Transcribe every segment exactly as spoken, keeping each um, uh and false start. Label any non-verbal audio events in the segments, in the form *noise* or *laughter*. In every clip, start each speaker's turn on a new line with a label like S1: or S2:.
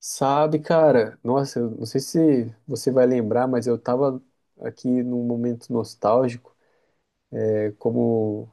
S1: Sabe, cara, nossa, eu não sei se você vai lembrar, mas eu tava aqui num momento nostálgico, é, como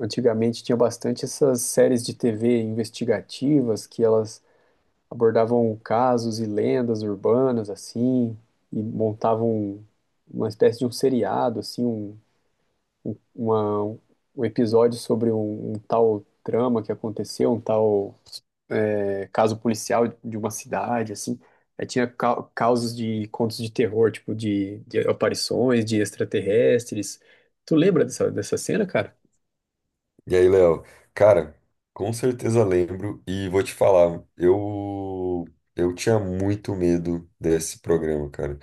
S1: antigamente tinha bastante essas séries de T V investigativas que elas abordavam casos e lendas urbanas assim, e montavam uma espécie de um seriado assim, um, uma- um episódio sobre um, um tal trama que aconteceu, um tal é, caso policial de uma cidade, assim. Aí tinha ca- casos de contos de terror, tipo de, de aparições, de extraterrestres. Tu lembra dessa, dessa cena, cara?
S2: E aí, Léo? Cara, com certeza lembro e vou te falar, eu eu tinha muito medo desse programa, cara.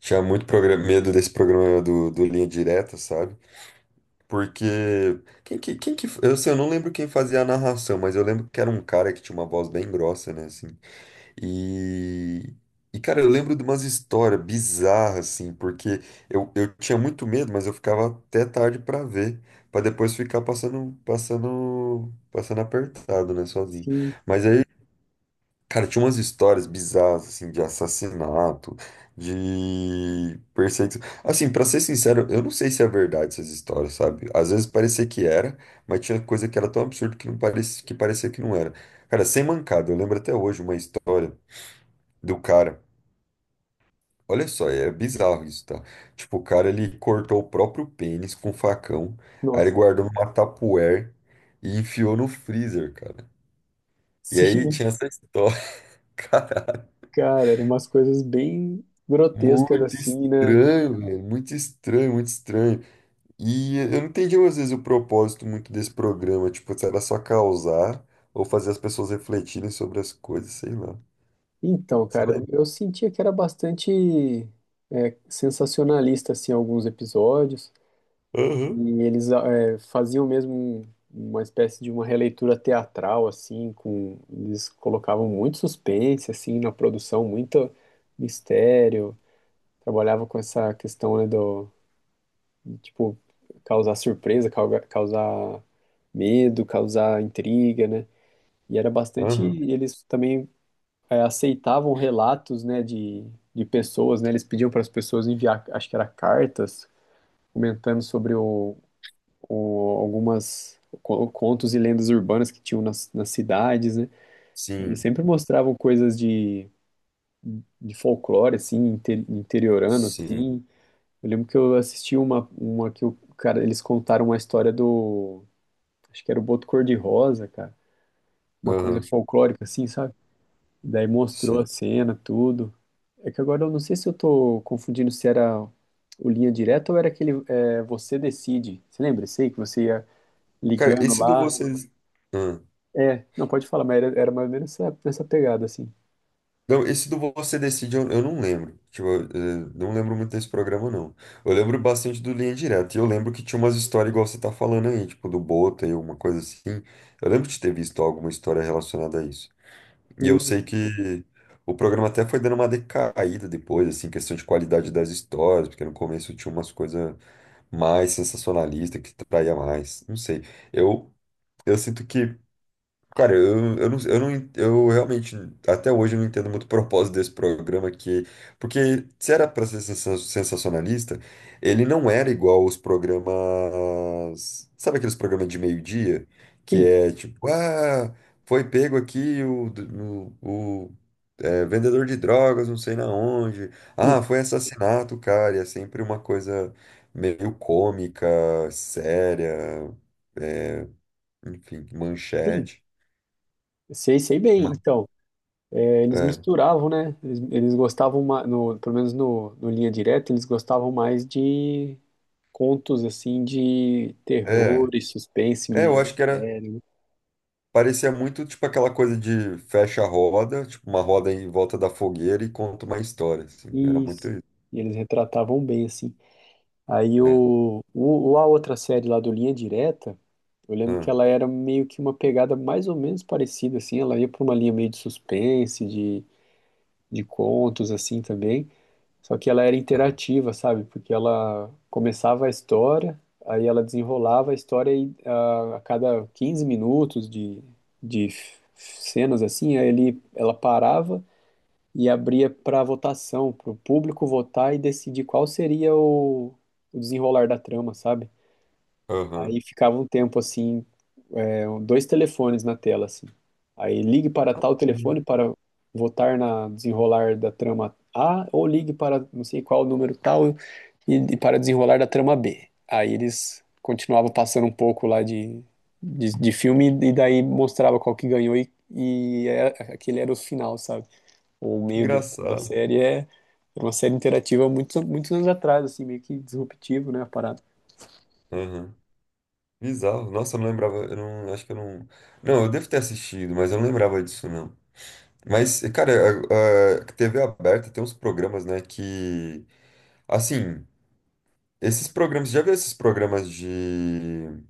S2: Tinha muito progra- medo desse programa do, do Linha Direta, sabe? Porque quem que, quem que eu, sei, eu não lembro quem fazia a narração, mas eu lembro que era um cara que tinha uma voz bem grossa, né, assim. E, e, cara, eu lembro de umas histórias bizarras, assim, porque eu, eu tinha muito medo, mas eu ficava até tarde pra ver, pra depois ficar passando, passando, passando apertado, né, sozinho.
S1: Sim,
S2: Mas aí, cara, tinha umas histórias bizarras, assim, de assassinato, de perseguição. Assim, pra ser sincero, eu não sei se é verdade essas histórias, sabe? Às vezes parecia que era, mas tinha coisa que era tão absurda que não parecia, que parecia que não era. Cara, sem mancada, eu lembro até hoje uma história do cara. Olha só, é bizarro isso, tá? Tipo, o cara ele cortou o próprio pênis com facão, aí ele
S1: nossa. *laughs*
S2: guardou numa tupperware e enfiou no freezer, cara. E aí
S1: Sim,
S2: tinha essa história, *laughs* cara,
S1: cara, eram umas coisas bem grotescas
S2: muito
S1: assim, né?
S2: estranho, velho, muito estranho, muito estranho. E eu não entendi às vezes o propósito muito desse programa, tipo, se era só causar ou fazer as pessoas refletirem sobre as coisas, sei lá.
S1: Então, cara,
S2: Sabe?
S1: eu eu sentia que era bastante é, sensacionalista, assim, alguns episódios.
S2: Aham,
S1: E eles eh, faziam mesmo um- uma espécie de uma releitura teatral, assim, com eles colocavam muito suspense, assim, na produção, muito mistério. Trabalhava com essa questão, né, do, de, tipo, causar surpresa, cauga- causar medo, causar intriga, né? E era bastante,
S2: aham.
S1: eles também eh, aceitavam relatos, né, de, de pessoas, né? Eles pediam para as pessoas enviar, acho que era cartas, comentando sobre o o- algumas co- contos e lendas urbanas que tinham nas, nas cidades, né? Eles
S2: Sim,
S1: sempre mostravam coisas de, de folclore, assim, inter- interiorano,
S2: sim,
S1: assim. Eu lembro que eu assisti uma, uma que o cara, eles contaram uma história do, acho que era o Boto Cor-de-Rosa, cara, uma coisa
S2: aham,
S1: folclórica, assim, sabe? Daí mostrou a
S2: sim.
S1: cena, tudo. É que agora eu não sei se eu tô confundindo se era o Linha Direta ou era aquele é, Você Decide. Você lembra? Sei que você ia
S2: Cara,
S1: ligando
S2: esse do
S1: lá.
S2: vocês. Ah.
S1: É, não pode falar, mas era, era mais ou menos nessa, nessa pegada, assim.
S2: Não, esse do Você Decide eu, eu não lembro. Tipo, eu, eh, não lembro muito desse programa, não. Eu lembro bastante do Linha Direta. E eu lembro que tinha umas histórias igual você tá falando aí, tipo, do Bota e alguma coisa assim. Eu lembro de ter visto alguma história relacionada a isso. E eu sei
S1: E
S2: que o programa até foi dando uma decaída depois, assim, questão de qualidade das histórias, porque no começo tinha umas coisas mais sensacionalistas que traía mais. Não sei. Eu, eu sinto que. Cara, eu, eu, não, eu, não, en- eu realmente, até hoje, eu não entendo muito o propósito desse programa, que, porque se era para ser sensa- sensacionalista, ele não era igual os programas, sabe aqueles programas de meio-dia, que
S1: sim,
S2: é tipo, ah, foi pego aqui o, d- o, o, é, vendedor de drogas, não sei na onde,
S1: e,
S2: ah, foi assassinato, cara, e é sempre uma coisa meio cômica, séria, é, enfim,
S1: sim,
S2: manchete.
S1: sei, sei bem. Então, é, eles
S2: É,
S1: misturavam, né? Eles, eles gostavam, ma- no, pelo menos no, no Linha Direta, eles gostavam mais de contos, assim, de terror
S2: é,
S1: e suspense.
S2: é, eu
S1: me-
S2: acho que era, parecia muito tipo aquela coisa de fecha a roda, tipo uma roda em volta da fogueira e conta uma história, assim, era muito
S1: Isso.
S2: isso,
S1: E eles retratavam bem, assim. Aí
S2: né?
S1: o, o, o- a outra série lá do Linha Direta, eu lembro que
S2: Ah,
S1: ela era meio que uma pegada mais ou menos parecida, assim. Ela ia para uma linha meio de suspense, de de contos assim também. Só que ela era
S2: tá,
S1: interativa, sabe? Porque ela começava a história, aí ela desenrolava a história e ah, a cada quinze minutos de, de f- cenas assim, aí ele, ela parava e abria para votação, para o público votar e decidir qual seria o, o desenrolar da trama, sabe?
S2: aham.
S1: Aí ficava um tempo assim, é, dois telefones na tela, assim. Aí ligue para
S2: Ah,
S1: tal
S2: Que
S1: telefone para votar na desenrolar da trama A, ou ligue para não sei qual número tal e, e para desenrolar da trama B. Aí eles continuavam passando um pouco lá de, de, de filme e daí mostrava qual que ganhou e, e é- aquele era o final, sabe? O
S2: que
S1: meio do- da
S2: engraçado,
S1: série é era uma série interativa muitos muitos anos atrás, assim, meio que disruptivo, né, a parada.
S2: aham. Bizarro, nossa, eu não lembrava, eu não, acho que eu não, não, eu devo ter assistido, mas eu não lembrava disso, não. Mas, cara, a, a T V aberta tem uns programas, né, que, assim, esses programas, já viu esses programas de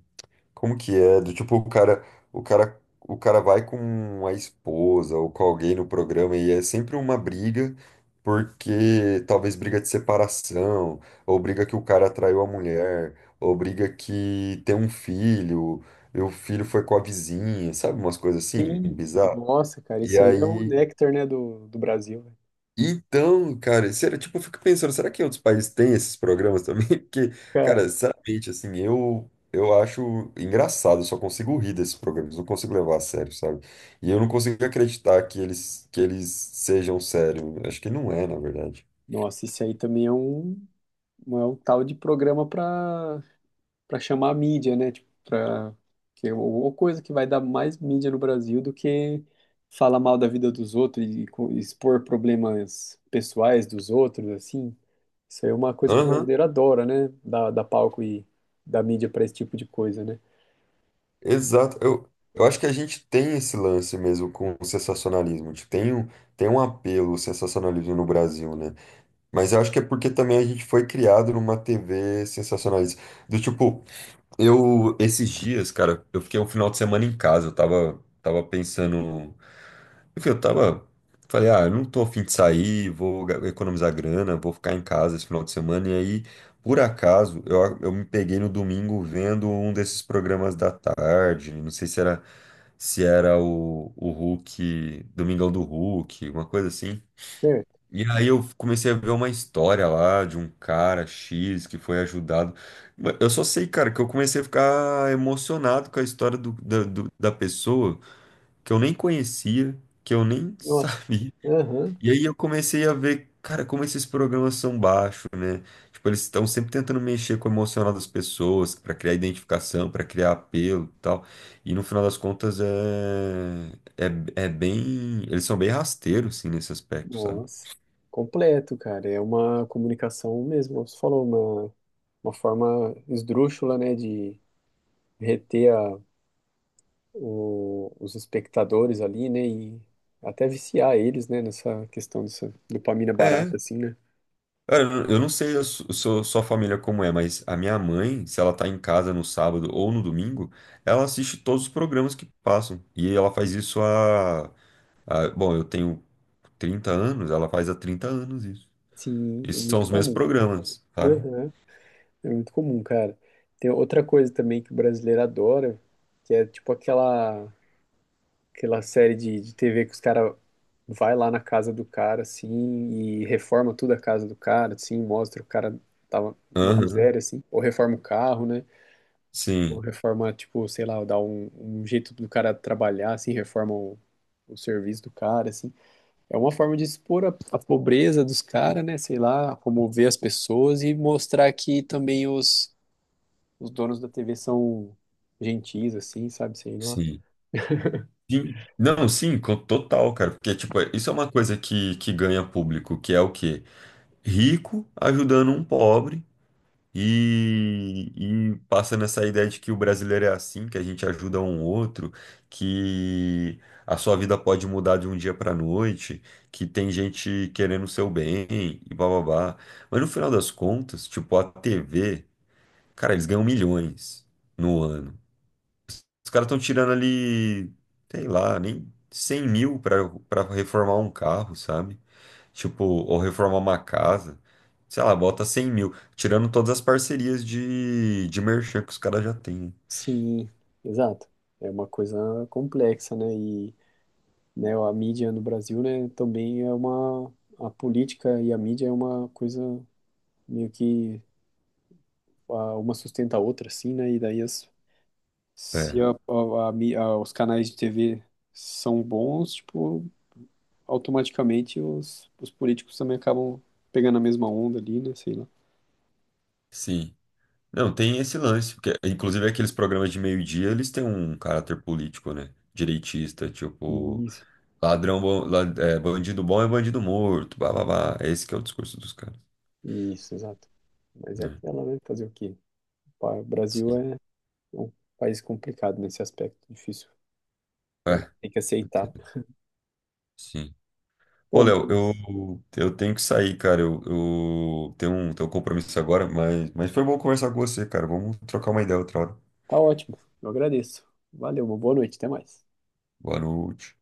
S2: Como que é? Do tipo, o cara, o cara, o cara vai com a esposa ou com alguém no programa e é sempre uma briga, porque talvez briga de separação, ou briga que o cara traiu a mulher, ou briga que tem um filho, e o filho foi com a vizinha, sabe? Umas coisas assim,
S1: Sim,
S2: bizarro.
S1: nossa, cara,
S2: E
S1: isso aí é o
S2: aí.
S1: néctar, né, do, do Brasil, velho.
S2: Então, cara, sério, tipo, eu fico pensando, será que outros países têm esses programas também? *laughs* Porque,
S1: Cara,
S2: cara, sinceramente, assim, eu eu acho engraçado, eu só consigo rir desses programas, não consigo levar a sério, sabe? E eu não consigo acreditar que eles que eles sejam sérios. Acho que não é, na verdade.
S1: nossa, isso aí também é um, um- é um tal de programa pra, para chamar a mídia, né, tipo, pra, que é uma coisa que vai dar mais mídia no Brasil do que falar mal da vida dos outros e, co- expor problemas pessoais dos outros, assim. Isso aí é uma coisa que o
S2: Aham,
S1: brasileiro adora, né, dar, dar palco e dar mídia pra esse tipo de coisa, né.
S2: exato. Eu, eu acho que a gente tem esse lance mesmo com o sensacionalismo. Tipo, tem um, tem um apelo ao sensacionalismo no Brasil, né? Mas eu acho que é porque também a gente foi criado numa T V sensacionalista. Do tipo, eu, esses dias, cara, eu fiquei um final de semana em casa. Eu tava, tava pensando. Enfim, eu tava. Falei, ah, eu não tô a fim de sair, vou ga- economizar grana, vou ficar em casa esse final de semana. E aí, por acaso, eu, a- eu me peguei no domingo vendo um desses programas da tarde. Não sei se era, se era o, o Hulk, Domingão do Hulk, uma coisa assim.
S1: Certo,
S2: E aí eu comecei a ver uma história lá de um cara X que foi ajudado. Ma- Eu só sei, cara, que eu comecei a ficar emocionado com a história do- da, do- da pessoa que eu nem conhecia, que eu nem *laughs*
S1: nossa,
S2: sabia.
S1: aham.
S2: E aí eu comecei a ver, cara, como esses programas são baixos, né? Tipo, eles estão sempre tentando mexer com o emocional das pessoas para criar identificação, para criar apelo e tal. E no final das contas é, é, é bem. Eles são bem rasteiros, assim, nesse aspecto, sabe?
S1: Nossa, completo, cara. É uma comunicação mesmo. Você falou uma, uma forma esdrúxula, né, de reter a, o- os espectadores ali, né, e até viciar eles, né, nessa questão dessa dopamina
S2: É.
S1: barata, assim, né?
S2: Cara, eu eu não sei a su- sua sua família como é, mas a minha mãe, se ela tá em casa no sábado ou no domingo, ela assiste todos os programas que passam. E ela faz isso há, há- bom, eu tenho trinta anos, ela faz há trinta anos isso.
S1: Sim,
S2: E
S1: é
S2: são
S1: muito
S2: os mesmos
S1: comum.
S2: programas, sabe?
S1: Aham, é muito comum, cara. Tem outra coisa também que o brasileiro adora, que é tipo aquela aquela série de, de T V que os caras vai lá na casa do cara, assim, e reforma tudo a casa do cara, assim, mostra o cara tava numa
S2: Aham.
S1: miséria, assim, ou reforma o carro, né? Ou
S2: Sim,
S1: reforma, tipo, sei lá, dá um, um jeito do cara trabalhar, assim, reforma o, o serviço do cara, assim. É uma forma de expor a, a pobreza dos caras, né? Sei lá, comover as pessoas e mostrar que também os, os donos da T V são gentis, assim, sabe? Sei lá.
S2: sim. Sim. Não, sim, co- total, cara. Porque, tipo, isso é uma coisa que, que ganha público, que é o quê? Rico ajudando um pobre. E, e passa nessa ideia de que o brasileiro é assim, que a gente ajuda um outro, que a sua vida pode mudar de um dia para noite, que tem gente querendo o seu bem e bababá. Mas no final das contas, tipo, a T V, cara, eles ganham milhões no ano. Os caras estão tirando ali, sei lá, nem cem mil pra, pra reformar um carro, sabe? Tipo, ou reformar uma casa. Sei lá, bota cem mil. Tirando todas as parcerias de, de merchan que os caras já têm.
S1: Sim, exato. É uma coisa complexa, né? E né, a mídia no Brasil, né, também é uma a política e a mídia é uma coisa meio que a- uma sustenta a outra, assim, né? E daí as,
S2: É,
S1: se a, a, a mí- a- os canais de T V são bons, tipo, automaticamente os, os políticos também acabam pegando a mesma onda ali, né? Sei lá.
S2: sim. Não, tem esse lance. Porque, inclusive, aqueles programas de meio-dia, eles têm um caráter político, né? Direitista, tipo,
S1: Isso,
S2: ladrão bom, la- é, bandido bom é bandido morto, blá blá blá. Esse que é o discurso dos caras,
S1: isso, exato. Mas é
S2: né?
S1: aquela, né? Fazer o quê? Pá, o Brasil
S2: Sim.
S1: é é um país complicado nesse aspecto, difícil. A gente
S2: É,
S1: tem que aceitar.
S2: sim. Pô,
S1: Bom,
S2: Léo, eu,
S1: mas
S2: eu tenho que sair, cara. Eu, eu tenho um, tenho um compromisso agora, mas, mas foi bom conversar com você, cara. Vamos trocar uma ideia outra hora.
S1: tá ótimo. Eu agradeço. Valeu, uma boa noite, até mais.
S2: Boa noite.